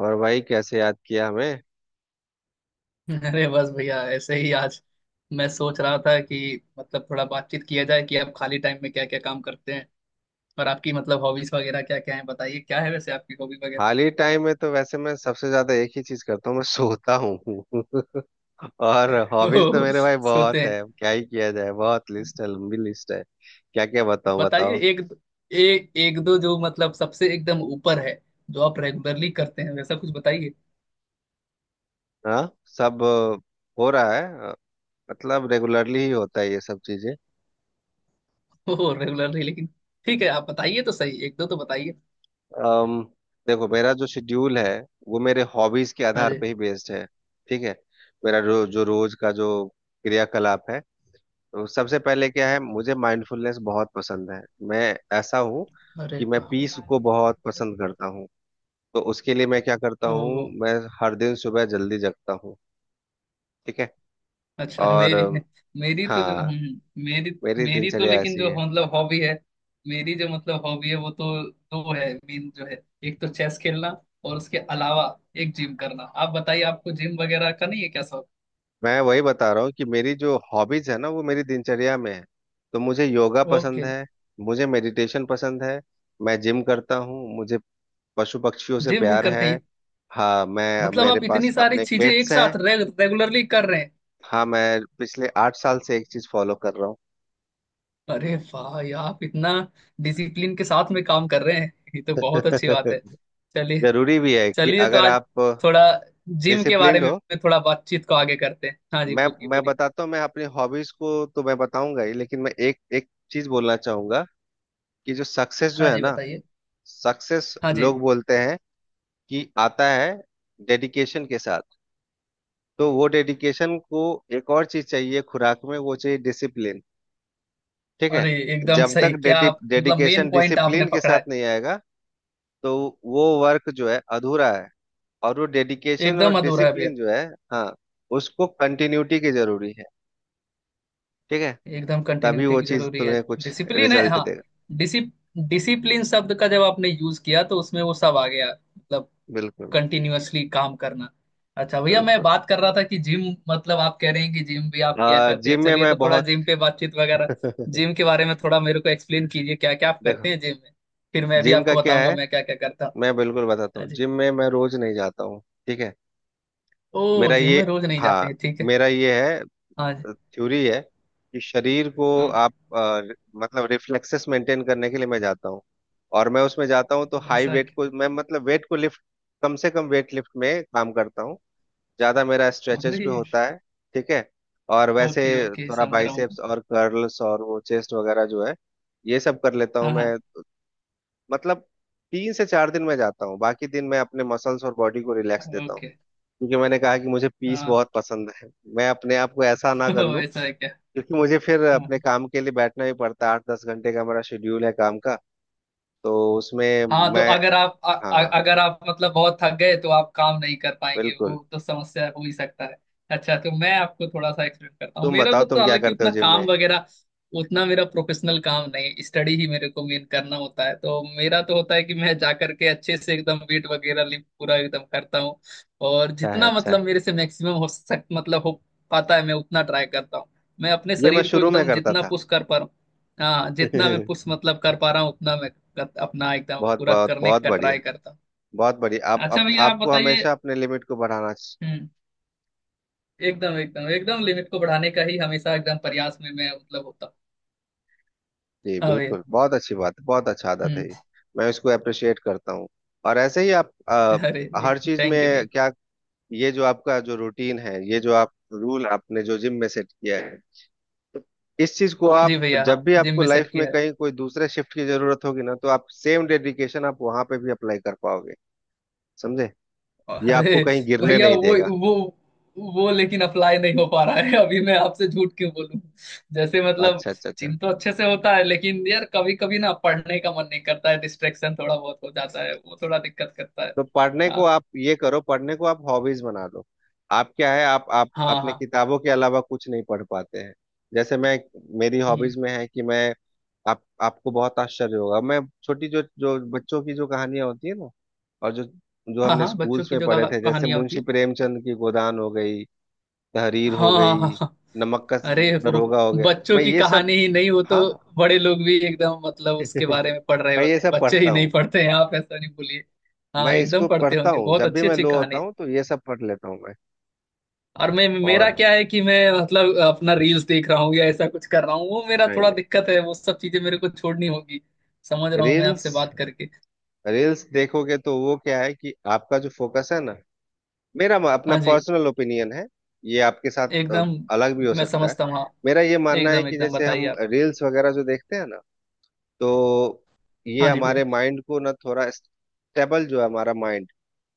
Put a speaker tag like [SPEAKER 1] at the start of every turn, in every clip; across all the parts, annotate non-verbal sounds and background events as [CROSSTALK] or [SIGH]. [SPEAKER 1] और भाई कैसे याद किया हमें।
[SPEAKER 2] अरे बस भैया ऐसे ही आज मैं सोच रहा था कि मतलब थोड़ा बातचीत किया जाए कि आप खाली टाइम में क्या क्या काम करते हैं। और आपकी मतलब हॉबीज वगैरह क्या क्या है, बताइए क्या है वैसे आपकी हॉबी वगैरह।
[SPEAKER 1] खाली टाइम में तो वैसे मैं सबसे ज्यादा एक ही चीज करता हूँ, मैं सोता हूँ। [LAUGHS] और
[SPEAKER 2] [LAUGHS]
[SPEAKER 1] हॉबीज तो
[SPEAKER 2] ओह,
[SPEAKER 1] मेरे भाई
[SPEAKER 2] सोते
[SPEAKER 1] बहुत
[SPEAKER 2] हैं।
[SPEAKER 1] है, क्या ही किया जाए, बहुत लिस्ट है, लंबी लिस्ट है। क्या क्या बताऊँ
[SPEAKER 2] बताइए
[SPEAKER 1] बताओ।
[SPEAKER 2] एक। एक दो जो मतलब सबसे एकदम ऊपर है, जो आप रेगुलरली करते हैं वैसा कुछ बताइए।
[SPEAKER 1] हाँ। सब हो रहा है। अ, मतलब रेगुलरली ही होता है ये सब चीजें।
[SPEAKER 2] ओह रेगुलरली, लेकिन ठीक है आप बताइए तो सही, एक दो तो बताइए।
[SPEAKER 1] अम, देखो मेरा जो शेड्यूल है वो मेरे हॉबीज के
[SPEAKER 2] हाँ
[SPEAKER 1] आधार
[SPEAKER 2] जी।
[SPEAKER 1] पे ही बेस्ड है। ठीक है। मेरा जो जो रोज का जो क्रियाकलाप है, तो सबसे पहले क्या है, मुझे माइंडफुलनेस बहुत पसंद है। मैं ऐसा हूँ
[SPEAKER 2] अरे
[SPEAKER 1] कि मैं
[SPEAKER 2] वाह।
[SPEAKER 1] पीस को बहुत पसंद करता हूँ। तो उसके लिए मैं क्या करता हूँ,
[SPEAKER 2] ओह।
[SPEAKER 1] मैं हर दिन सुबह जल्दी जगता हूँ। ठीक है।
[SPEAKER 2] अच्छा
[SPEAKER 1] और
[SPEAKER 2] मेरी। मेरी तो जो
[SPEAKER 1] हाँ
[SPEAKER 2] हम्म, मेरी
[SPEAKER 1] मेरी
[SPEAKER 2] मेरी तो
[SPEAKER 1] दिनचर्या
[SPEAKER 2] लेकिन
[SPEAKER 1] ऐसी
[SPEAKER 2] जो
[SPEAKER 1] है।
[SPEAKER 2] मतलब हॉबी है, मेरी जो मतलब हॉबी है वो तो दो है मेन जो है। एक तो चेस खेलना, और उसके अलावा एक जिम करना। आप बताइए, आपको जिम वगैरह का नहीं है क्या शौक?
[SPEAKER 1] मैं वही बता रहा हूँ कि मेरी जो हॉबीज है ना वो मेरी दिनचर्या में है। तो मुझे योगा पसंद
[SPEAKER 2] ओके।
[SPEAKER 1] है, मुझे मेडिटेशन पसंद है, मैं जिम करता हूँ, मुझे पशु पक्षियों से
[SPEAKER 2] जिम भी
[SPEAKER 1] प्यार
[SPEAKER 2] करते
[SPEAKER 1] है।
[SPEAKER 2] हैं?
[SPEAKER 1] हाँ मैं,
[SPEAKER 2] मतलब
[SPEAKER 1] मेरे
[SPEAKER 2] आप
[SPEAKER 1] पास
[SPEAKER 2] इतनी सारी
[SPEAKER 1] अपने
[SPEAKER 2] चीजें एक
[SPEAKER 1] पेट्स हैं।
[SPEAKER 2] साथ रेगुलरली कर रहे हैं?
[SPEAKER 1] हाँ मैं पिछले 8 साल से एक चीज फॉलो कर रहा हूँ।
[SPEAKER 2] अरे वाह, ये आप इतना डिसिप्लिन के साथ में काम कर रहे हैं, ये तो बहुत अच्छी बात है।
[SPEAKER 1] [LAUGHS]
[SPEAKER 2] चलिए।
[SPEAKER 1] जरूरी भी है कि
[SPEAKER 2] चलिए तो
[SPEAKER 1] अगर
[SPEAKER 2] आज
[SPEAKER 1] आप
[SPEAKER 2] थोड़ा जिम के बारे
[SPEAKER 1] डिसिप्लिन्ड
[SPEAKER 2] में
[SPEAKER 1] हो।
[SPEAKER 2] थोड़ा बातचीत को आगे करते हैं। हाँ जी
[SPEAKER 1] मैं
[SPEAKER 2] पूछिए
[SPEAKER 1] मैं
[SPEAKER 2] बोलिए।
[SPEAKER 1] बताता हूँ, मैं अपनी हॉबीज को तो मैं बताऊंगा ही, लेकिन मैं एक एक चीज बोलना चाहूंगा कि जो सक्सेस जो
[SPEAKER 2] हाँ
[SPEAKER 1] है
[SPEAKER 2] जी
[SPEAKER 1] ना,
[SPEAKER 2] बताइए।
[SPEAKER 1] सक्सेस
[SPEAKER 2] हाँ जी।
[SPEAKER 1] लोग बोलते हैं कि आता है डेडिकेशन के साथ। तो वो डेडिकेशन को एक और चीज चाहिए खुराक में, वो चाहिए डिसिप्लिन। ठीक है।
[SPEAKER 2] अरे एकदम
[SPEAKER 1] जब तक
[SPEAKER 2] सही, क्या आप मतलब मेन
[SPEAKER 1] डेडिकेशन
[SPEAKER 2] पॉइंट आपने
[SPEAKER 1] डिसिप्लिन के
[SPEAKER 2] पकड़ा
[SPEAKER 1] साथ
[SPEAKER 2] है।
[SPEAKER 1] नहीं आएगा तो वो वर्क जो है अधूरा है। और वो डेडिकेशन और
[SPEAKER 2] एकदम अधूरा है भैया।
[SPEAKER 1] डिसिप्लिन जो है, हाँ, उसको कंटिन्यूटी की जरूरी है। ठीक है।
[SPEAKER 2] एकदम
[SPEAKER 1] तभी
[SPEAKER 2] कंटिन्यूटी
[SPEAKER 1] वो
[SPEAKER 2] की
[SPEAKER 1] चीज
[SPEAKER 2] जरूरी है।
[SPEAKER 1] तुम्हें कुछ
[SPEAKER 2] डिसिप्लिन है
[SPEAKER 1] रिजल्ट
[SPEAKER 2] हाँ।
[SPEAKER 1] देगा।
[SPEAKER 2] डिसिप डिसिप्लिन शब्द का जब आपने यूज किया तो उसमें वो सब आ गया, मतलब
[SPEAKER 1] बिल्कुल।
[SPEAKER 2] कंटिन्यूअसली काम करना। अच्छा भैया, मैं
[SPEAKER 1] बिल्कुल।
[SPEAKER 2] बात कर रहा था कि जिम, मतलब आप कह रहे हैं कि जिम भी आप किया करते हैं,
[SPEAKER 1] जिम में
[SPEAKER 2] चलिए
[SPEAKER 1] मैं
[SPEAKER 2] तो थोड़ा
[SPEAKER 1] बहुत,
[SPEAKER 2] जिम पे बातचीत
[SPEAKER 1] [LAUGHS]
[SPEAKER 2] वगैरह।
[SPEAKER 1] देखो
[SPEAKER 2] जिम के बारे में थोड़ा मेरे को एक्सप्लेन कीजिए, क्या क्या आप करते हैं जिम में, फिर मैं भी
[SPEAKER 1] जिम का
[SPEAKER 2] आपको
[SPEAKER 1] क्या
[SPEAKER 2] बताऊंगा
[SPEAKER 1] है,
[SPEAKER 2] मैं क्या क्या करता हूँ।
[SPEAKER 1] मैं बिल्कुल बताता
[SPEAKER 2] हाँ
[SPEAKER 1] हूँ,
[SPEAKER 2] जी।
[SPEAKER 1] जिम में मैं रोज नहीं जाता हूँ। ठीक है।
[SPEAKER 2] ओ
[SPEAKER 1] मेरा
[SPEAKER 2] जिम
[SPEAKER 1] ये,
[SPEAKER 2] में रोज नहीं जाते
[SPEAKER 1] हाँ,
[SPEAKER 2] हैं, ठीक है।
[SPEAKER 1] मेरा ये है
[SPEAKER 2] हाँ जी।
[SPEAKER 1] थ्योरी है कि शरीर को
[SPEAKER 2] हाँ।
[SPEAKER 1] आप, मतलब रिफ्लेक्सेस मेंटेन करने के लिए मैं जाता हूँ। और मैं उसमें जाता हूँ तो
[SPEAKER 2] ओ,
[SPEAKER 1] हाई
[SPEAKER 2] ऐसा है
[SPEAKER 1] वेट
[SPEAKER 2] क्या?
[SPEAKER 1] को मैं, मतलब वेट को लिफ्ट, कम से कम वेट लिफ्ट में काम करता हूँ। ज्यादा मेरा स्ट्रेचेज
[SPEAKER 2] अरे।
[SPEAKER 1] भी होता है। ठीक है। और वैसे
[SPEAKER 2] ओके ओके,
[SPEAKER 1] थोड़ा
[SPEAKER 2] समझ रहा हूँ मैं।
[SPEAKER 1] बाइसेप्स और कर्ल्स और वो चेस्ट वगैरह जो है, ये सब कर लेता हूँ
[SPEAKER 2] हाँ।
[SPEAKER 1] मैं। मतलब 3 से 4 दिन मैं जाता हूँ, बाकी दिन मैं अपने मसल्स और बॉडी को
[SPEAKER 2] हाँ
[SPEAKER 1] रिलैक्स देता हूँ।
[SPEAKER 2] ओके।
[SPEAKER 1] क्योंकि मैंने कहा कि मुझे पीस
[SPEAKER 2] हाँ।
[SPEAKER 1] बहुत पसंद है, मैं अपने आप को ऐसा
[SPEAKER 2] [LAUGHS]
[SPEAKER 1] ना कर
[SPEAKER 2] ओ,
[SPEAKER 1] लूँ।
[SPEAKER 2] ऐसा है क्या?
[SPEAKER 1] क्योंकि मुझे फिर अपने
[SPEAKER 2] हाँ।
[SPEAKER 1] काम के लिए बैठना भी पड़ता है, 8-10 घंटे का मेरा शेड्यूल है काम का। तो उसमें
[SPEAKER 2] हाँ तो
[SPEAKER 1] मैं,
[SPEAKER 2] अगर आप
[SPEAKER 1] हाँ
[SPEAKER 2] अगर आप मतलब बहुत थक गए तो आप काम नहीं कर पाएंगे, वो
[SPEAKER 1] बिल्कुल,
[SPEAKER 2] तो समस्या हो ही सकता है। अच्छा तो मैं आपको थोड़ा सा एक्सप्लेन करता हूँ,
[SPEAKER 1] तुम
[SPEAKER 2] मेरा
[SPEAKER 1] बताओ
[SPEAKER 2] को तो
[SPEAKER 1] तुम क्या
[SPEAKER 2] हालांकि
[SPEAKER 1] करते हो
[SPEAKER 2] उतना
[SPEAKER 1] जिम में।
[SPEAKER 2] काम वगैरह, उतना मेरा प्रोफेशनल काम नहीं, स्टडी ही मेरे को मेन करना होता है, तो मेरा तो होता है कि मैं जा करके अच्छे से एकदम वेट वगैरह लिफ्ट पूरा एकदम करता हूँ। और
[SPEAKER 1] अच्छा है
[SPEAKER 2] जितना
[SPEAKER 1] अच्छा है।
[SPEAKER 2] मतलब मेरे से मैक्सिमम हो सक मतलब हो पाता है मैं उतना ट्राई करता हूँ। मैं अपने
[SPEAKER 1] ये मैं
[SPEAKER 2] शरीर को
[SPEAKER 1] शुरू में
[SPEAKER 2] एकदम
[SPEAKER 1] करता
[SPEAKER 2] जितना
[SPEAKER 1] था।
[SPEAKER 2] पुश कर पा रहा हूँ। हाँ जितना मैं
[SPEAKER 1] [LAUGHS]
[SPEAKER 2] पुश मतलब कर पा रहा हूँ उतना मैं अपना एकदम
[SPEAKER 1] बहुत
[SPEAKER 2] पूरा
[SPEAKER 1] बहुत
[SPEAKER 2] करने
[SPEAKER 1] बहुत
[SPEAKER 2] का
[SPEAKER 1] बढ़िया,
[SPEAKER 2] ट्राई करता हूँ।
[SPEAKER 1] बहुत बढ़िया।
[SPEAKER 2] अच्छा
[SPEAKER 1] आप
[SPEAKER 2] भैया आप
[SPEAKER 1] आपको
[SPEAKER 2] बताइए।
[SPEAKER 1] हमेशा अपने लिमिट को बढ़ाना
[SPEAKER 2] हम्म। एकदम एकदम एकदम लिमिट को बढ़ाने का ही हमेशा एकदम प्रयास में मैं मतलब होता
[SPEAKER 1] जी
[SPEAKER 2] हूँ। हाँ भैया।
[SPEAKER 1] बिल्कुल बहुत अच्छी बात है, बहुत अच्छा आदत है
[SPEAKER 2] हम्म।
[SPEAKER 1] ये। मैं इसको अप्रिशिएट करता हूँ। और ऐसे ही आप
[SPEAKER 2] अरे एक
[SPEAKER 1] हर चीज में।
[SPEAKER 2] थैंक यू भैया।
[SPEAKER 1] क्या? ये जो आपका जो रूटीन है, ये जो आप रूल आपने जो जिम में सेट किया है, इस चीज को आप
[SPEAKER 2] जी भैया, हाँ
[SPEAKER 1] जब भी
[SPEAKER 2] जिम
[SPEAKER 1] आपको
[SPEAKER 2] में सेट
[SPEAKER 1] लाइफ में
[SPEAKER 2] किया है।
[SPEAKER 1] कहीं कोई दूसरे शिफ्ट की जरूरत होगी ना, तो आप सेम डेडिकेशन आप वहां पे भी अप्लाई कर पाओगे। समझे? ये
[SPEAKER 2] अरे
[SPEAKER 1] आपको कहीं गिरने
[SPEAKER 2] भैया,
[SPEAKER 1] नहीं देगा।
[SPEAKER 2] वो वो लेकिन अप्लाई नहीं हो पा रहा है, अभी मैं आपसे झूठ क्यों बोलूं। जैसे मतलब
[SPEAKER 1] अच्छा अच्छा अच्छा।
[SPEAKER 2] जिम तो अच्छे से होता है, लेकिन यार कभी कभी ना पढ़ने का मन नहीं करता है, डिस्ट्रेक्शन थोड़ा बहुत हो जाता है, वो थोड़ा दिक्कत करता है।
[SPEAKER 1] तो पढ़ने को
[SPEAKER 2] हाँ
[SPEAKER 1] आप ये करो, पढ़ने को आप हॉबीज बना लो। आप क्या है, आप
[SPEAKER 2] हाँ।
[SPEAKER 1] अपने
[SPEAKER 2] हाँ
[SPEAKER 1] किताबों के अलावा कुछ नहीं पढ़ पाते हैं। जैसे मैं, मेरी हॉबीज में है कि मैं, आप, आपको बहुत आश्चर्य होगा, मैं छोटी जो जो बच्चों की जो कहानियां होती है ना, और जो, जो
[SPEAKER 2] हाँ
[SPEAKER 1] हमने
[SPEAKER 2] हाँ बच्चों
[SPEAKER 1] स्कूल्स
[SPEAKER 2] की
[SPEAKER 1] में
[SPEAKER 2] जो
[SPEAKER 1] पढ़े थे, जैसे
[SPEAKER 2] कहानियां होती
[SPEAKER 1] मुंशी
[SPEAKER 2] है।
[SPEAKER 1] प्रेमचंद की गोदान हो गई, तहरीर
[SPEAKER 2] हाँ
[SPEAKER 1] हो
[SPEAKER 2] हाँ हाँ
[SPEAKER 1] गई,
[SPEAKER 2] हाँ।
[SPEAKER 1] नमक का
[SPEAKER 2] अरे वो
[SPEAKER 1] दरोगा हो गया।
[SPEAKER 2] बच्चों
[SPEAKER 1] मैं
[SPEAKER 2] की
[SPEAKER 1] ये सब,
[SPEAKER 2] कहानी ही नहीं हो तो,
[SPEAKER 1] हाँ,
[SPEAKER 2] बड़े लोग भी एकदम मतलब उसके
[SPEAKER 1] [LAUGHS]
[SPEAKER 2] बारे में पढ़ रहे
[SPEAKER 1] मैं ये
[SPEAKER 2] होते हैं,
[SPEAKER 1] सब
[SPEAKER 2] बच्चे ही
[SPEAKER 1] पढ़ता
[SPEAKER 2] नहीं
[SPEAKER 1] हूँ।
[SPEAKER 2] पढ़ते हैं, आप ऐसा नहीं बोलिए। हाँ
[SPEAKER 1] मैं
[SPEAKER 2] एकदम
[SPEAKER 1] इसको
[SPEAKER 2] पढ़ते
[SPEAKER 1] पढ़ता
[SPEAKER 2] होंगे,
[SPEAKER 1] हूँ,
[SPEAKER 2] बहुत
[SPEAKER 1] जब भी
[SPEAKER 2] अच्छी
[SPEAKER 1] मैं
[SPEAKER 2] अच्छी
[SPEAKER 1] लो
[SPEAKER 2] कहानी
[SPEAKER 1] होता
[SPEAKER 2] है।
[SPEAKER 1] हूँ तो ये सब पढ़ लेता हूँ मैं।
[SPEAKER 2] और मैं मेरा
[SPEAKER 1] और
[SPEAKER 2] क्या है कि मैं मतलब अपना रील्स देख रहा हूँ या ऐसा कुछ कर रहा हूँ, वो मेरा
[SPEAKER 1] नहीं
[SPEAKER 2] थोड़ा
[SPEAKER 1] नहीं।
[SPEAKER 2] दिक्कत है, वो सब चीजें मेरे को छोड़नी होगी। समझ रहा हूँ मैं
[SPEAKER 1] रील्स,
[SPEAKER 2] आपसे बात करके।
[SPEAKER 1] रील्स देखोगे तो वो क्या है कि आपका जो फोकस है ना, मेरा अपना
[SPEAKER 2] हाँ जी।
[SPEAKER 1] पर्सनल ओपिनियन है, ये आपके साथ
[SPEAKER 2] एकदम।
[SPEAKER 1] अलग भी हो
[SPEAKER 2] मैं
[SPEAKER 1] सकता है।
[SPEAKER 2] समझता हूँ हाँ।
[SPEAKER 1] मेरा ये मानना है
[SPEAKER 2] एकदम
[SPEAKER 1] कि
[SPEAKER 2] एकदम
[SPEAKER 1] जैसे
[SPEAKER 2] बताइए
[SPEAKER 1] हम
[SPEAKER 2] आप।
[SPEAKER 1] रील्स वगैरह जो देखते हैं ना, तो ये
[SPEAKER 2] हाँ जी
[SPEAKER 1] हमारे
[SPEAKER 2] भैया।
[SPEAKER 1] माइंड को ना, थोड़ा स्टेबल जो है हमारा माइंड,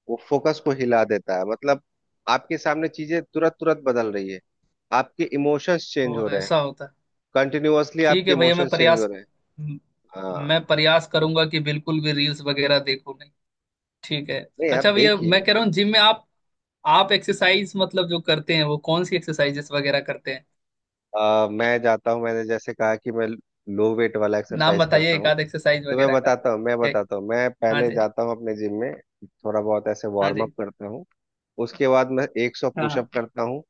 [SPEAKER 1] वो फोकस को हिला देता है। मतलब आपके सामने चीजें तुरंत तुरंत बदल रही है, आपके इमोशंस चेंज हो
[SPEAKER 2] तो
[SPEAKER 1] रहे हैं,
[SPEAKER 2] ऐसा होता है।
[SPEAKER 1] कंटिन्यूअसली
[SPEAKER 2] ठीक
[SPEAKER 1] आपके
[SPEAKER 2] है भैया मैं
[SPEAKER 1] इमोशंस चेंज हो
[SPEAKER 2] प्रयास,
[SPEAKER 1] रहे हैं।
[SPEAKER 2] म-
[SPEAKER 1] हाँ
[SPEAKER 2] मैं प्रयास करूंगा कि बिल्कुल भी रील्स वगैरह देखूं नहीं। ठीक है।
[SPEAKER 1] नहीं आप
[SPEAKER 2] अच्छा भैया मैं
[SPEAKER 1] देखिए।
[SPEAKER 2] कह रहा हूँ जिम में आप एक्सरसाइज मतलब जो करते हैं वो कौन सी एक्सरसाइजेस वगैरह करते हैं?
[SPEAKER 1] मैं जाता हूँ, मैंने जैसे कहा कि मैं लो वेट वाला
[SPEAKER 2] नाम
[SPEAKER 1] एक्सरसाइज
[SPEAKER 2] बताइए,
[SPEAKER 1] करता
[SPEAKER 2] एक
[SPEAKER 1] हूँ।
[SPEAKER 2] आध एक्सरसाइज
[SPEAKER 1] तो मैं
[SPEAKER 2] वगैरह का
[SPEAKER 1] बताता हूँ मैं बताता हूँ मैं
[SPEAKER 2] हाँ
[SPEAKER 1] पहले
[SPEAKER 2] जी।
[SPEAKER 1] जाता हूँ अपने जिम में, थोड़ा बहुत ऐसे
[SPEAKER 2] हाँ
[SPEAKER 1] वार्म अप
[SPEAKER 2] जी।
[SPEAKER 1] करता हूँ। उसके बाद मैं एक सौ
[SPEAKER 2] हाँ
[SPEAKER 1] पुशअप करता हूँ,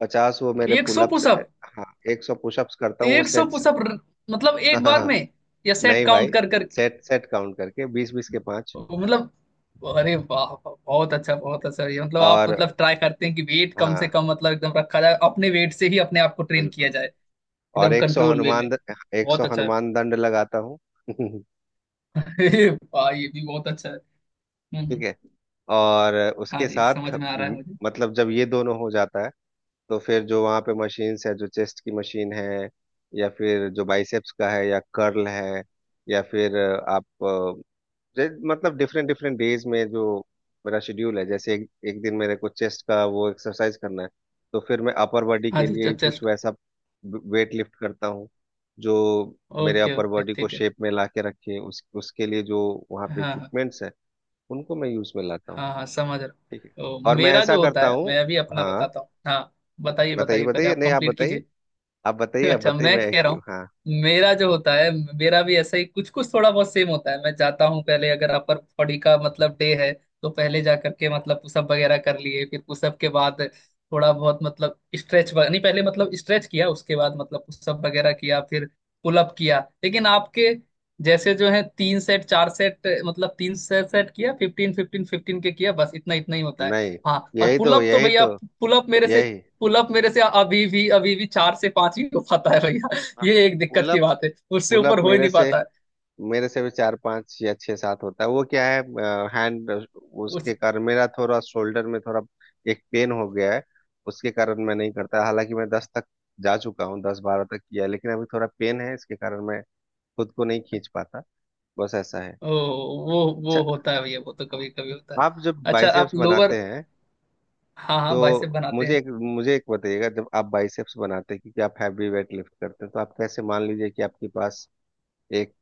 [SPEAKER 1] 50 वो मेरे
[SPEAKER 2] एक सौ
[SPEAKER 1] पुलअप्स।
[SPEAKER 2] पुशअप।
[SPEAKER 1] हाँ 100 पुशअप्स करता हूँ वो
[SPEAKER 2] एक सौ
[SPEAKER 1] सेट्स।
[SPEAKER 2] पुशअप मतलब एक बार
[SPEAKER 1] [LAUGHS]
[SPEAKER 2] में
[SPEAKER 1] नहीं
[SPEAKER 2] या सेट
[SPEAKER 1] भाई,
[SPEAKER 2] काउंट कर कर?
[SPEAKER 1] सेट सेट काउंट करके 20-20 के 5।
[SPEAKER 2] मतलब अरे वाह वाह, बहुत अच्छा बहुत अच्छा, ये मतलब आप
[SPEAKER 1] और
[SPEAKER 2] मतलब ट्राई करते हैं कि वेट कम से
[SPEAKER 1] हाँ
[SPEAKER 2] कम मतलब एकदम रखा जाए, अपने वेट से ही अपने आप को ट्रेन किया
[SPEAKER 1] बिल्कुल।
[SPEAKER 2] जाए,
[SPEAKER 1] और
[SPEAKER 2] एकदम
[SPEAKER 1] एक सौ
[SPEAKER 2] कंट्रोल वे में।
[SPEAKER 1] एक सौ
[SPEAKER 2] बहुत अच्छा है।
[SPEAKER 1] हनुमान दंड लगाता हूँ। [LAUGHS]
[SPEAKER 2] [LAUGHS] अरे वाह, ये भी बहुत अच्छा है। हम्म
[SPEAKER 1] ठीक
[SPEAKER 2] हम्म,
[SPEAKER 1] है। और
[SPEAKER 2] हाँ
[SPEAKER 1] उसके
[SPEAKER 2] जी
[SPEAKER 1] साथ
[SPEAKER 2] समझ में आ रहा है मुझे।
[SPEAKER 1] मतलब जब ये दोनों हो जाता है, तो फिर जो वहाँ पे मशीन्स है, जो चेस्ट की मशीन है, या फिर जो बाइसेप्स का है या कर्ल है, या फिर आप, मतलब डिफरेंट डिफरेंट डेज में जो मेरा शेड्यूल है। जैसे एक, एक दिन मेरे को चेस्ट का वो एक्सरसाइज करना है तो फिर मैं अपर बॉडी
[SPEAKER 2] हाँ
[SPEAKER 1] के
[SPEAKER 2] जी
[SPEAKER 1] लिए कुछ
[SPEAKER 2] चेस्ट।
[SPEAKER 1] वैसा वेट लिफ्ट करता हूँ, जो मेरे
[SPEAKER 2] ओके
[SPEAKER 1] अपर
[SPEAKER 2] ओके
[SPEAKER 1] बॉडी को
[SPEAKER 2] ठीक है।
[SPEAKER 1] शेप में ला के रखे, उस उसके लिए जो वहाँ
[SPEAKER 2] हाँ
[SPEAKER 1] पे
[SPEAKER 2] हाँ।
[SPEAKER 1] इक्विपमेंट्स हैं, उनको मैं यूज में लाता हूँ।
[SPEAKER 2] हाँ हाँ समझ रहा हूँ।
[SPEAKER 1] ठीक है।
[SPEAKER 2] तो
[SPEAKER 1] और मैं
[SPEAKER 2] मेरा
[SPEAKER 1] ऐसा
[SPEAKER 2] जो होता
[SPEAKER 1] करता
[SPEAKER 2] है
[SPEAKER 1] हूँ।
[SPEAKER 2] मैं अभी अपना
[SPEAKER 1] हाँ
[SPEAKER 2] बताता हूँ, हाँ बताइए
[SPEAKER 1] बताइए
[SPEAKER 2] बताइए पहले
[SPEAKER 1] बताइए
[SPEAKER 2] आप
[SPEAKER 1] नहीं आप
[SPEAKER 2] कंप्लीट
[SPEAKER 1] बताइए।
[SPEAKER 2] कीजिए।
[SPEAKER 1] आप बताइए
[SPEAKER 2] [LAUGHS]
[SPEAKER 1] आप
[SPEAKER 2] अच्छा
[SPEAKER 1] बताइए
[SPEAKER 2] मैं
[SPEAKER 1] मैं
[SPEAKER 2] कह रहा हूँ,
[SPEAKER 1] हाँ।
[SPEAKER 2] मेरा जो होता है, मेरा भी ऐसा ही कुछ कुछ थोड़ा बहुत सेम होता है। मैं जाता हूँ पहले, अगर अपर बॉडी का मतलब डे है तो पहले जा करके मतलब पुशअप वगैरह कर लिए, फिर पुशअप के बाद थोड़ा बहुत मतलब स्ट्रेच नहीं, पहले मतलब स्ट्रेच किया उसके बाद मतलब पुशअप वगैरह किया, फिर पुलअप किया। लेकिन आपके जैसे जो है तीन सेट चार सेट मतलब तीन सेट सेट किया, फिफ्टीन फिफ्टीन फिफ्टीन के किया, बस इतना इतना ही होता है।
[SPEAKER 1] नहीं
[SPEAKER 2] हाँ और
[SPEAKER 1] यही तो,
[SPEAKER 2] पुलअप तो
[SPEAKER 1] यही
[SPEAKER 2] भैया,
[SPEAKER 1] तो,
[SPEAKER 2] पुलअप मेरे से
[SPEAKER 1] यही।
[SPEAKER 2] पुलअप मेरे से अभी भी चार से पांच ही हो पाता है भैया, ये एक दिक्कत की
[SPEAKER 1] पुलअप,
[SPEAKER 2] बात है। उससे
[SPEAKER 1] पुलअप
[SPEAKER 2] ऊपर हो ही
[SPEAKER 1] मेरे
[SPEAKER 2] नहीं
[SPEAKER 1] से,
[SPEAKER 2] पाता है।
[SPEAKER 1] मेरे से भी 4-5 या 6-7 होता है। वो क्या है, हैंड उसके
[SPEAKER 2] उस
[SPEAKER 1] कारण मेरा थोड़ा शोल्डर में थोड़ा एक पेन हो गया है। उसके कारण मैं नहीं करता, हालांकि मैं 10 तक जा चुका हूँ, 10-12 तक किया है, लेकिन अभी थोड़ा पेन है इसके कारण मैं खुद को नहीं खींच पाता। बस ऐसा है।
[SPEAKER 2] ओ,
[SPEAKER 1] अच्छा।
[SPEAKER 2] वो होता है भैया, वो तो
[SPEAKER 1] हाँ,
[SPEAKER 2] कभी कभी होता है।
[SPEAKER 1] आप जब
[SPEAKER 2] अच्छा आप
[SPEAKER 1] बाइसेप्स
[SPEAKER 2] लोअर,
[SPEAKER 1] बनाते हैं,
[SPEAKER 2] हाँ हाँ बाइसेप
[SPEAKER 1] तो
[SPEAKER 2] बनाते
[SPEAKER 1] मुझे
[SPEAKER 2] हैं।
[SPEAKER 1] एक, मुझे एक बताइएगा, जब आप बाइसेप्स बनाते हैं, क्योंकि आप हैवी वेट लिफ्ट करते हैं तो आप कैसे, मान लीजिए कि आपके पास एक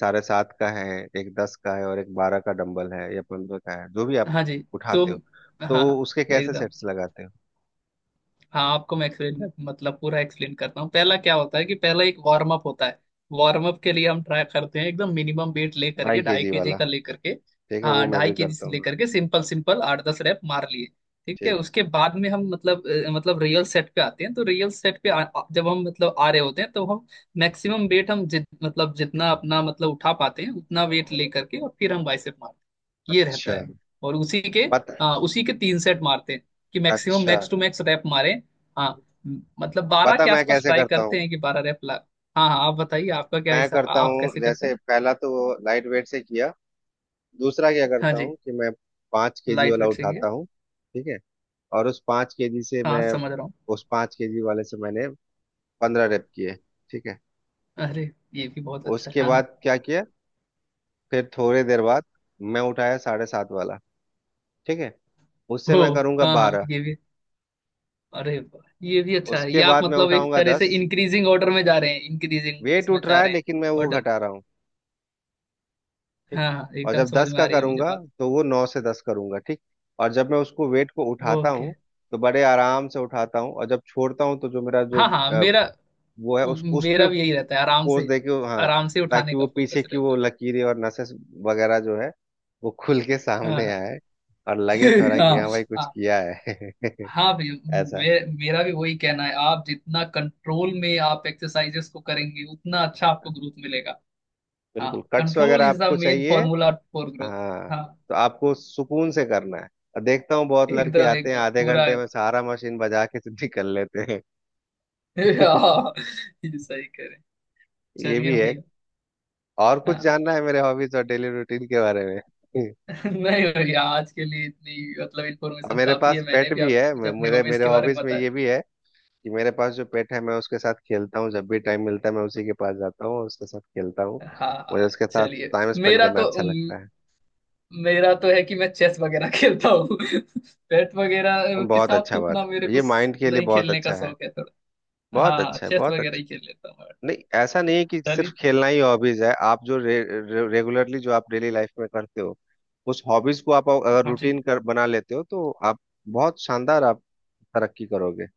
[SPEAKER 1] 7.5 का है, एक 10 का है और एक 12 का डंबल है, या 15 का है जो भी आप
[SPEAKER 2] हाँ जी। तो
[SPEAKER 1] उठाते हो,
[SPEAKER 2] हाँ
[SPEAKER 1] तो
[SPEAKER 2] हाँ,
[SPEAKER 1] उसके कैसे
[SPEAKER 2] एकदम।
[SPEAKER 1] सेट्स लगाते हो।
[SPEAKER 2] हाँ आपको मैं एक्सप्लेन मतलब पूरा एक्सप्लेन करता हूँ। पहला क्या होता है कि पहला एक वार्म अप होता है, वार्म अप के लिए हम ट्राई करते हैं एकदम मिनिमम वेट ले
[SPEAKER 1] ढाई
[SPEAKER 2] करके, ढाई
[SPEAKER 1] केजी
[SPEAKER 2] केजी
[SPEAKER 1] वाला,
[SPEAKER 2] का ले करके।
[SPEAKER 1] ठीक है, वो
[SPEAKER 2] हाँ
[SPEAKER 1] मैं
[SPEAKER 2] ढाई
[SPEAKER 1] भी
[SPEAKER 2] केजी
[SPEAKER 1] करता
[SPEAKER 2] से ले
[SPEAKER 1] हूँ।
[SPEAKER 2] करके सिंपल सिंपल आठ दस रैप मार लिए, ठीक है
[SPEAKER 1] ठीक।
[SPEAKER 2] उसके बाद में हम मतलब मतलब रियल सेट पे आते हैं, तो रियल सेट पे आ, आ- जब हम मतलब आ रहे होते हैं तो हम मैक्सिमम वेट हम जितना अपना मतलब उठा पाते हैं उतना वेट ले करके, और फिर हम बाइसेप मारते हैं, ये रहता
[SPEAKER 1] अच्छा।
[SPEAKER 2] है। और उसी के
[SPEAKER 1] पता,
[SPEAKER 2] उसी के तीन सेट मारते हैं कि मैक्सिमम
[SPEAKER 1] अच्छा
[SPEAKER 2] मैक्स टू मैक्स रैप मारे। हाँ। मतलब बारह
[SPEAKER 1] पता
[SPEAKER 2] के
[SPEAKER 1] मैं
[SPEAKER 2] आसपास
[SPEAKER 1] कैसे
[SPEAKER 2] ट्राई
[SPEAKER 1] करता हूँ।
[SPEAKER 2] करते हैं कि बारह रैप ला। हाँ हाँ आप बताइए आपका क्या
[SPEAKER 1] मैं
[SPEAKER 2] हिसाब,
[SPEAKER 1] करता
[SPEAKER 2] आप
[SPEAKER 1] हूँ
[SPEAKER 2] कैसे करते
[SPEAKER 1] जैसे
[SPEAKER 2] हैं?
[SPEAKER 1] पहला तो लाइट वेट से किया, दूसरा क्या
[SPEAKER 2] हाँ
[SPEAKER 1] करता
[SPEAKER 2] जी।
[SPEAKER 1] हूँ कि मैं 5 kg
[SPEAKER 2] लाइट
[SPEAKER 1] वाला
[SPEAKER 2] वेट से किया।
[SPEAKER 1] उठाता हूँ। ठीक है। और उस 5 kg से
[SPEAKER 2] हाँ
[SPEAKER 1] मैं,
[SPEAKER 2] समझ रहा हूँ।
[SPEAKER 1] उस पाँच केजी वाले से मैंने 15 रेप किए। ठीक है।
[SPEAKER 2] अरे ये भी बहुत अच्छा है
[SPEAKER 1] उसके
[SPEAKER 2] हाँ हाँ।
[SPEAKER 1] बाद क्या किया, फिर थोड़ी देर बाद मैं उठाया 7.5 वाला। ठीक है। उससे
[SPEAKER 2] हो
[SPEAKER 1] मैं करूंगा
[SPEAKER 2] हाँ हाँ
[SPEAKER 1] 12।
[SPEAKER 2] ये भी। अरे वाह, ये भी अच्छा है,
[SPEAKER 1] उसके
[SPEAKER 2] ये आप
[SPEAKER 1] बाद मैं
[SPEAKER 2] मतलब एक
[SPEAKER 1] उठाऊंगा
[SPEAKER 2] तरह से
[SPEAKER 1] 10।
[SPEAKER 2] इंक्रीजिंग ऑर्डर में जा रहे हैं, इंक्रीजिंग
[SPEAKER 1] वेट
[SPEAKER 2] उसमें
[SPEAKER 1] उठ
[SPEAKER 2] जा
[SPEAKER 1] रहा है
[SPEAKER 2] रहे हैं।
[SPEAKER 1] लेकिन मैं वो
[SPEAKER 2] ऑर्डर।
[SPEAKER 1] घटा रहा हूँ। ठीक।
[SPEAKER 2] हाँ हाँ
[SPEAKER 1] और
[SPEAKER 2] एकदम
[SPEAKER 1] जब
[SPEAKER 2] समझ
[SPEAKER 1] 10
[SPEAKER 2] में
[SPEAKER 1] का
[SPEAKER 2] आ रही है मुझे
[SPEAKER 1] करूंगा
[SPEAKER 2] बात।
[SPEAKER 1] तो वो 9 से 10 करूंगा। ठीक। और जब मैं उसको वेट को उठाता हूँ
[SPEAKER 2] ओके।
[SPEAKER 1] तो बड़े आराम से उठाता हूँ, और जब छोड़ता हूँ तो जो मेरा जो,
[SPEAKER 2] हाँ हाँ
[SPEAKER 1] अ,
[SPEAKER 2] मेरा,
[SPEAKER 1] वो है, उस पे
[SPEAKER 2] मेरा भी यही रहता है आराम
[SPEAKER 1] फोर्स
[SPEAKER 2] से,
[SPEAKER 1] दे के, हाँ,
[SPEAKER 2] आराम से उठाने
[SPEAKER 1] ताकि
[SPEAKER 2] का
[SPEAKER 1] वो पीछे
[SPEAKER 2] फोकस
[SPEAKER 1] की वो
[SPEAKER 2] रहता
[SPEAKER 1] लकीरें और नसें वगैरह जो है वो खुल के
[SPEAKER 2] है। हाँ
[SPEAKER 1] सामने
[SPEAKER 2] हाँ।
[SPEAKER 1] आए, और लगे
[SPEAKER 2] [LAUGHS]
[SPEAKER 1] थोड़ा कि हाँ भाई कुछ
[SPEAKER 2] हाँ।
[SPEAKER 1] किया है। [LAUGHS]
[SPEAKER 2] हाँ भैया
[SPEAKER 1] ऐसा।
[SPEAKER 2] मेरा भी वही कहना है, आप जितना कंट्रोल में आप एक्सरसाइजेस को करेंगे उतना अच्छा आपको ग्रोथ मिलेगा। हाँ,
[SPEAKER 1] बिल्कुल, कट्स
[SPEAKER 2] कंट्रोल
[SPEAKER 1] वगैरह
[SPEAKER 2] इज द
[SPEAKER 1] आपको
[SPEAKER 2] मेन
[SPEAKER 1] चाहिए,
[SPEAKER 2] फॉर्मूला फॉर ग्रोथ।
[SPEAKER 1] हाँ।
[SPEAKER 2] हाँ।
[SPEAKER 1] तो आपको सुकून से करना है। और देखता हूँ बहुत लड़के
[SPEAKER 2] एकदम
[SPEAKER 1] आते हैं
[SPEAKER 2] एकदम
[SPEAKER 1] आधे
[SPEAKER 2] पूरा।
[SPEAKER 1] घंटे में सारा मशीन बजा के [LAUGHS] तो निकल लेते हैं।
[SPEAKER 2] [LAUGHS]
[SPEAKER 1] [LAUGHS]
[SPEAKER 2] हाँ, ये सही करें।
[SPEAKER 1] ये
[SPEAKER 2] चलिए
[SPEAKER 1] भी है।
[SPEAKER 2] भैया।
[SPEAKER 1] और कुछ
[SPEAKER 2] हाँ।
[SPEAKER 1] जानना है मेरे हॉबीज और डेली रूटीन के बारे में? [LAUGHS]
[SPEAKER 2] [LAUGHS] नहीं भैया, आज के लिए इतनी मतलब
[SPEAKER 1] और
[SPEAKER 2] इन्फॉर्मेशन
[SPEAKER 1] मेरे
[SPEAKER 2] काफी है,
[SPEAKER 1] पास
[SPEAKER 2] मैंने
[SPEAKER 1] पेट
[SPEAKER 2] भी
[SPEAKER 1] भी
[SPEAKER 2] आपको
[SPEAKER 1] है।
[SPEAKER 2] कुछ अपने
[SPEAKER 1] मेरे
[SPEAKER 2] हॉबीज
[SPEAKER 1] मेरे
[SPEAKER 2] के बारे में
[SPEAKER 1] हॉबीज में
[SPEAKER 2] बताया।
[SPEAKER 1] ये भी है कि मेरे पास जो पेट है मैं उसके साथ खेलता हूँ, जब भी टाइम मिलता है मैं उसी के पास जाता हूँ और उसके साथ खेलता हूँ।
[SPEAKER 2] हाँ
[SPEAKER 1] मुझे
[SPEAKER 2] हाँ,
[SPEAKER 1] उसके साथ
[SPEAKER 2] चलिए।
[SPEAKER 1] टाइम स्पेंड
[SPEAKER 2] मेरा
[SPEAKER 1] करना
[SPEAKER 2] तो,
[SPEAKER 1] अच्छा लगता है।
[SPEAKER 2] मेरा तो है कि मैं चेस वगैरह खेलता हूँ, [LAUGHS] बैट वगैरह के
[SPEAKER 1] बहुत
[SPEAKER 2] साथ
[SPEAKER 1] अच्छा
[SPEAKER 2] तो
[SPEAKER 1] बात
[SPEAKER 2] उतना मेरे
[SPEAKER 1] है,
[SPEAKER 2] को
[SPEAKER 1] ये माइंड के लिए
[SPEAKER 2] नहीं
[SPEAKER 1] बहुत
[SPEAKER 2] खेलने का
[SPEAKER 1] अच्छा है।
[SPEAKER 2] शौक है थोड़ा।
[SPEAKER 1] बहुत
[SPEAKER 2] हाँ
[SPEAKER 1] अच्छा है,
[SPEAKER 2] चेस
[SPEAKER 1] बहुत
[SPEAKER 2] वगैरह
[SPEAKER 1] अच्छा।
[SPEAKER 2] ही खेल लेता हूँ but।
[SPEAKER 1] नहीं ऐसा नहीं है कि सिर्फ
[SPEAKER 2] चलिए।
[SPEAKER 1] खेलना ही हॉबीज है, आप जो रे, रे, रेगुलरली जो आप डेली लाइफ में करते हो, उस हॉबीज को आप अगर
[SPEAKER 2] हाँ जी।
[SPEAKER 1] रूटीन कर बना लेते हो, तो आप बहुत शानदार आप तरक्की करोगे। है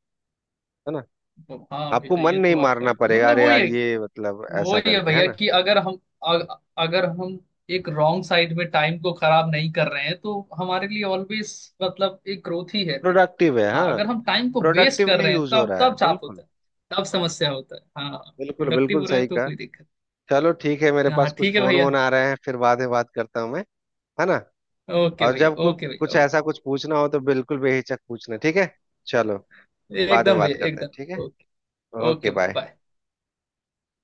[SPEAKER 1] ना?
[SPEAKER 2] तो हाँ भैया,
[SPEAKER 1] आपको मन
[SPEAKER 2] ये
[SPEAKER 1] नहीं
[SPEAKER 2] तो आपका
[SPEAKER 1] मारना
[SPEAKER 2] एकदम
[SPEAKER 1] पड़ेगा,
[SPEAKER 2] मतलब
[SPEAKER 1] अरे
[SPEAKER 2] वही
[SPEAKER 1] यार
[SPEAKER 2] है।
[SPEAKER 1] ये मतलब ऐसा
[SPEAKER 2] वही है
[SPEAKER 1] करके, है
[SPEAKER 2] भैया
[SPEAKER 1] ना।
[SPEAKER 2] कि अगर हम अगर हम एक रॉन्ग साइड में टाइम को खराब नहीं कर रहे हैं तो हमारे लिए ऑलवेज मतलब एक ग्रोथ ही है फिर।
[SPEAKER 1] प्रोडक्टिव है।
[SPEAKER 2] हाँ
[SPEAKER 1] हाँ।
[SPEAKER 2] अगर हम टाइम को वेस्ट कर
[SPEAKER 1] प्रोडक्टिवली
[SPEAKER 2] रहे हैं
[SPEAKER 1] यूज हो
[SPEAKER 2] तब
[SPEAKER 1] रहा है
[SPEAKER 2] तब चाप
[SPEAKER 1] बिल्कुल।
[SPEAKER 2] होता है, तब समस्या होता है। हाँ।
[SPEAKER 1] बिल्कुल
[SPEAKER 2] प्रोडक्टिव
[SPEAKER 1] बिल्कुल
[SPEAKER 2] हो रहा है
[SPEAKER 1] सही
[SPEAKER 2] तो
[SPEAKER 1] कहा।
[SPEAKER 2] कोई दिक्कत।
[SPEAKER 1] चलो ठीक है, मेरे
[SPEAKER 2] हाँ
[SPEAKER 1] पास कुछ
[SPEAKER 2] ठीक है
[SPEAKER 1] फोन
[SPEAKER 2] भैया।
[SPEAKER 1] वोन आ रहे हैं, फिर बाद में बात करता हूँ मैं। है ना?
[SPEAKER 2] ओके
[SPEAKER 1] और
[SPEAKER 2] भैया
[SPEAKER 1] जब कुछ
[SPEAKER 2] ओके
[SPEAKER 1] कुछ
[SPEAKER 2] भैया।
[SPEAKER 1] ऐसा कुछ पूछना हो तो बिल्कुल बेहिचक पूछना, ठीक है? चलो।
[SPEAKER 2] ओके
[SPEAKER 1] बाद में
[SPEAKER 2] एकदम
[SPEAKER 1] बात
[SPEAKER 2] भैया,
[SPEAKER 1] करते हैं, ठीक
[SPEAKER 2] एकदम
[SPEAKER 1] है।
[SPEAKER 2] ओके।
[SPEAKER 1] ओके
[SPEAKER 2] ओके भैया
[SPEAKER 1] बाय।
[SPEAKER 2] बाय।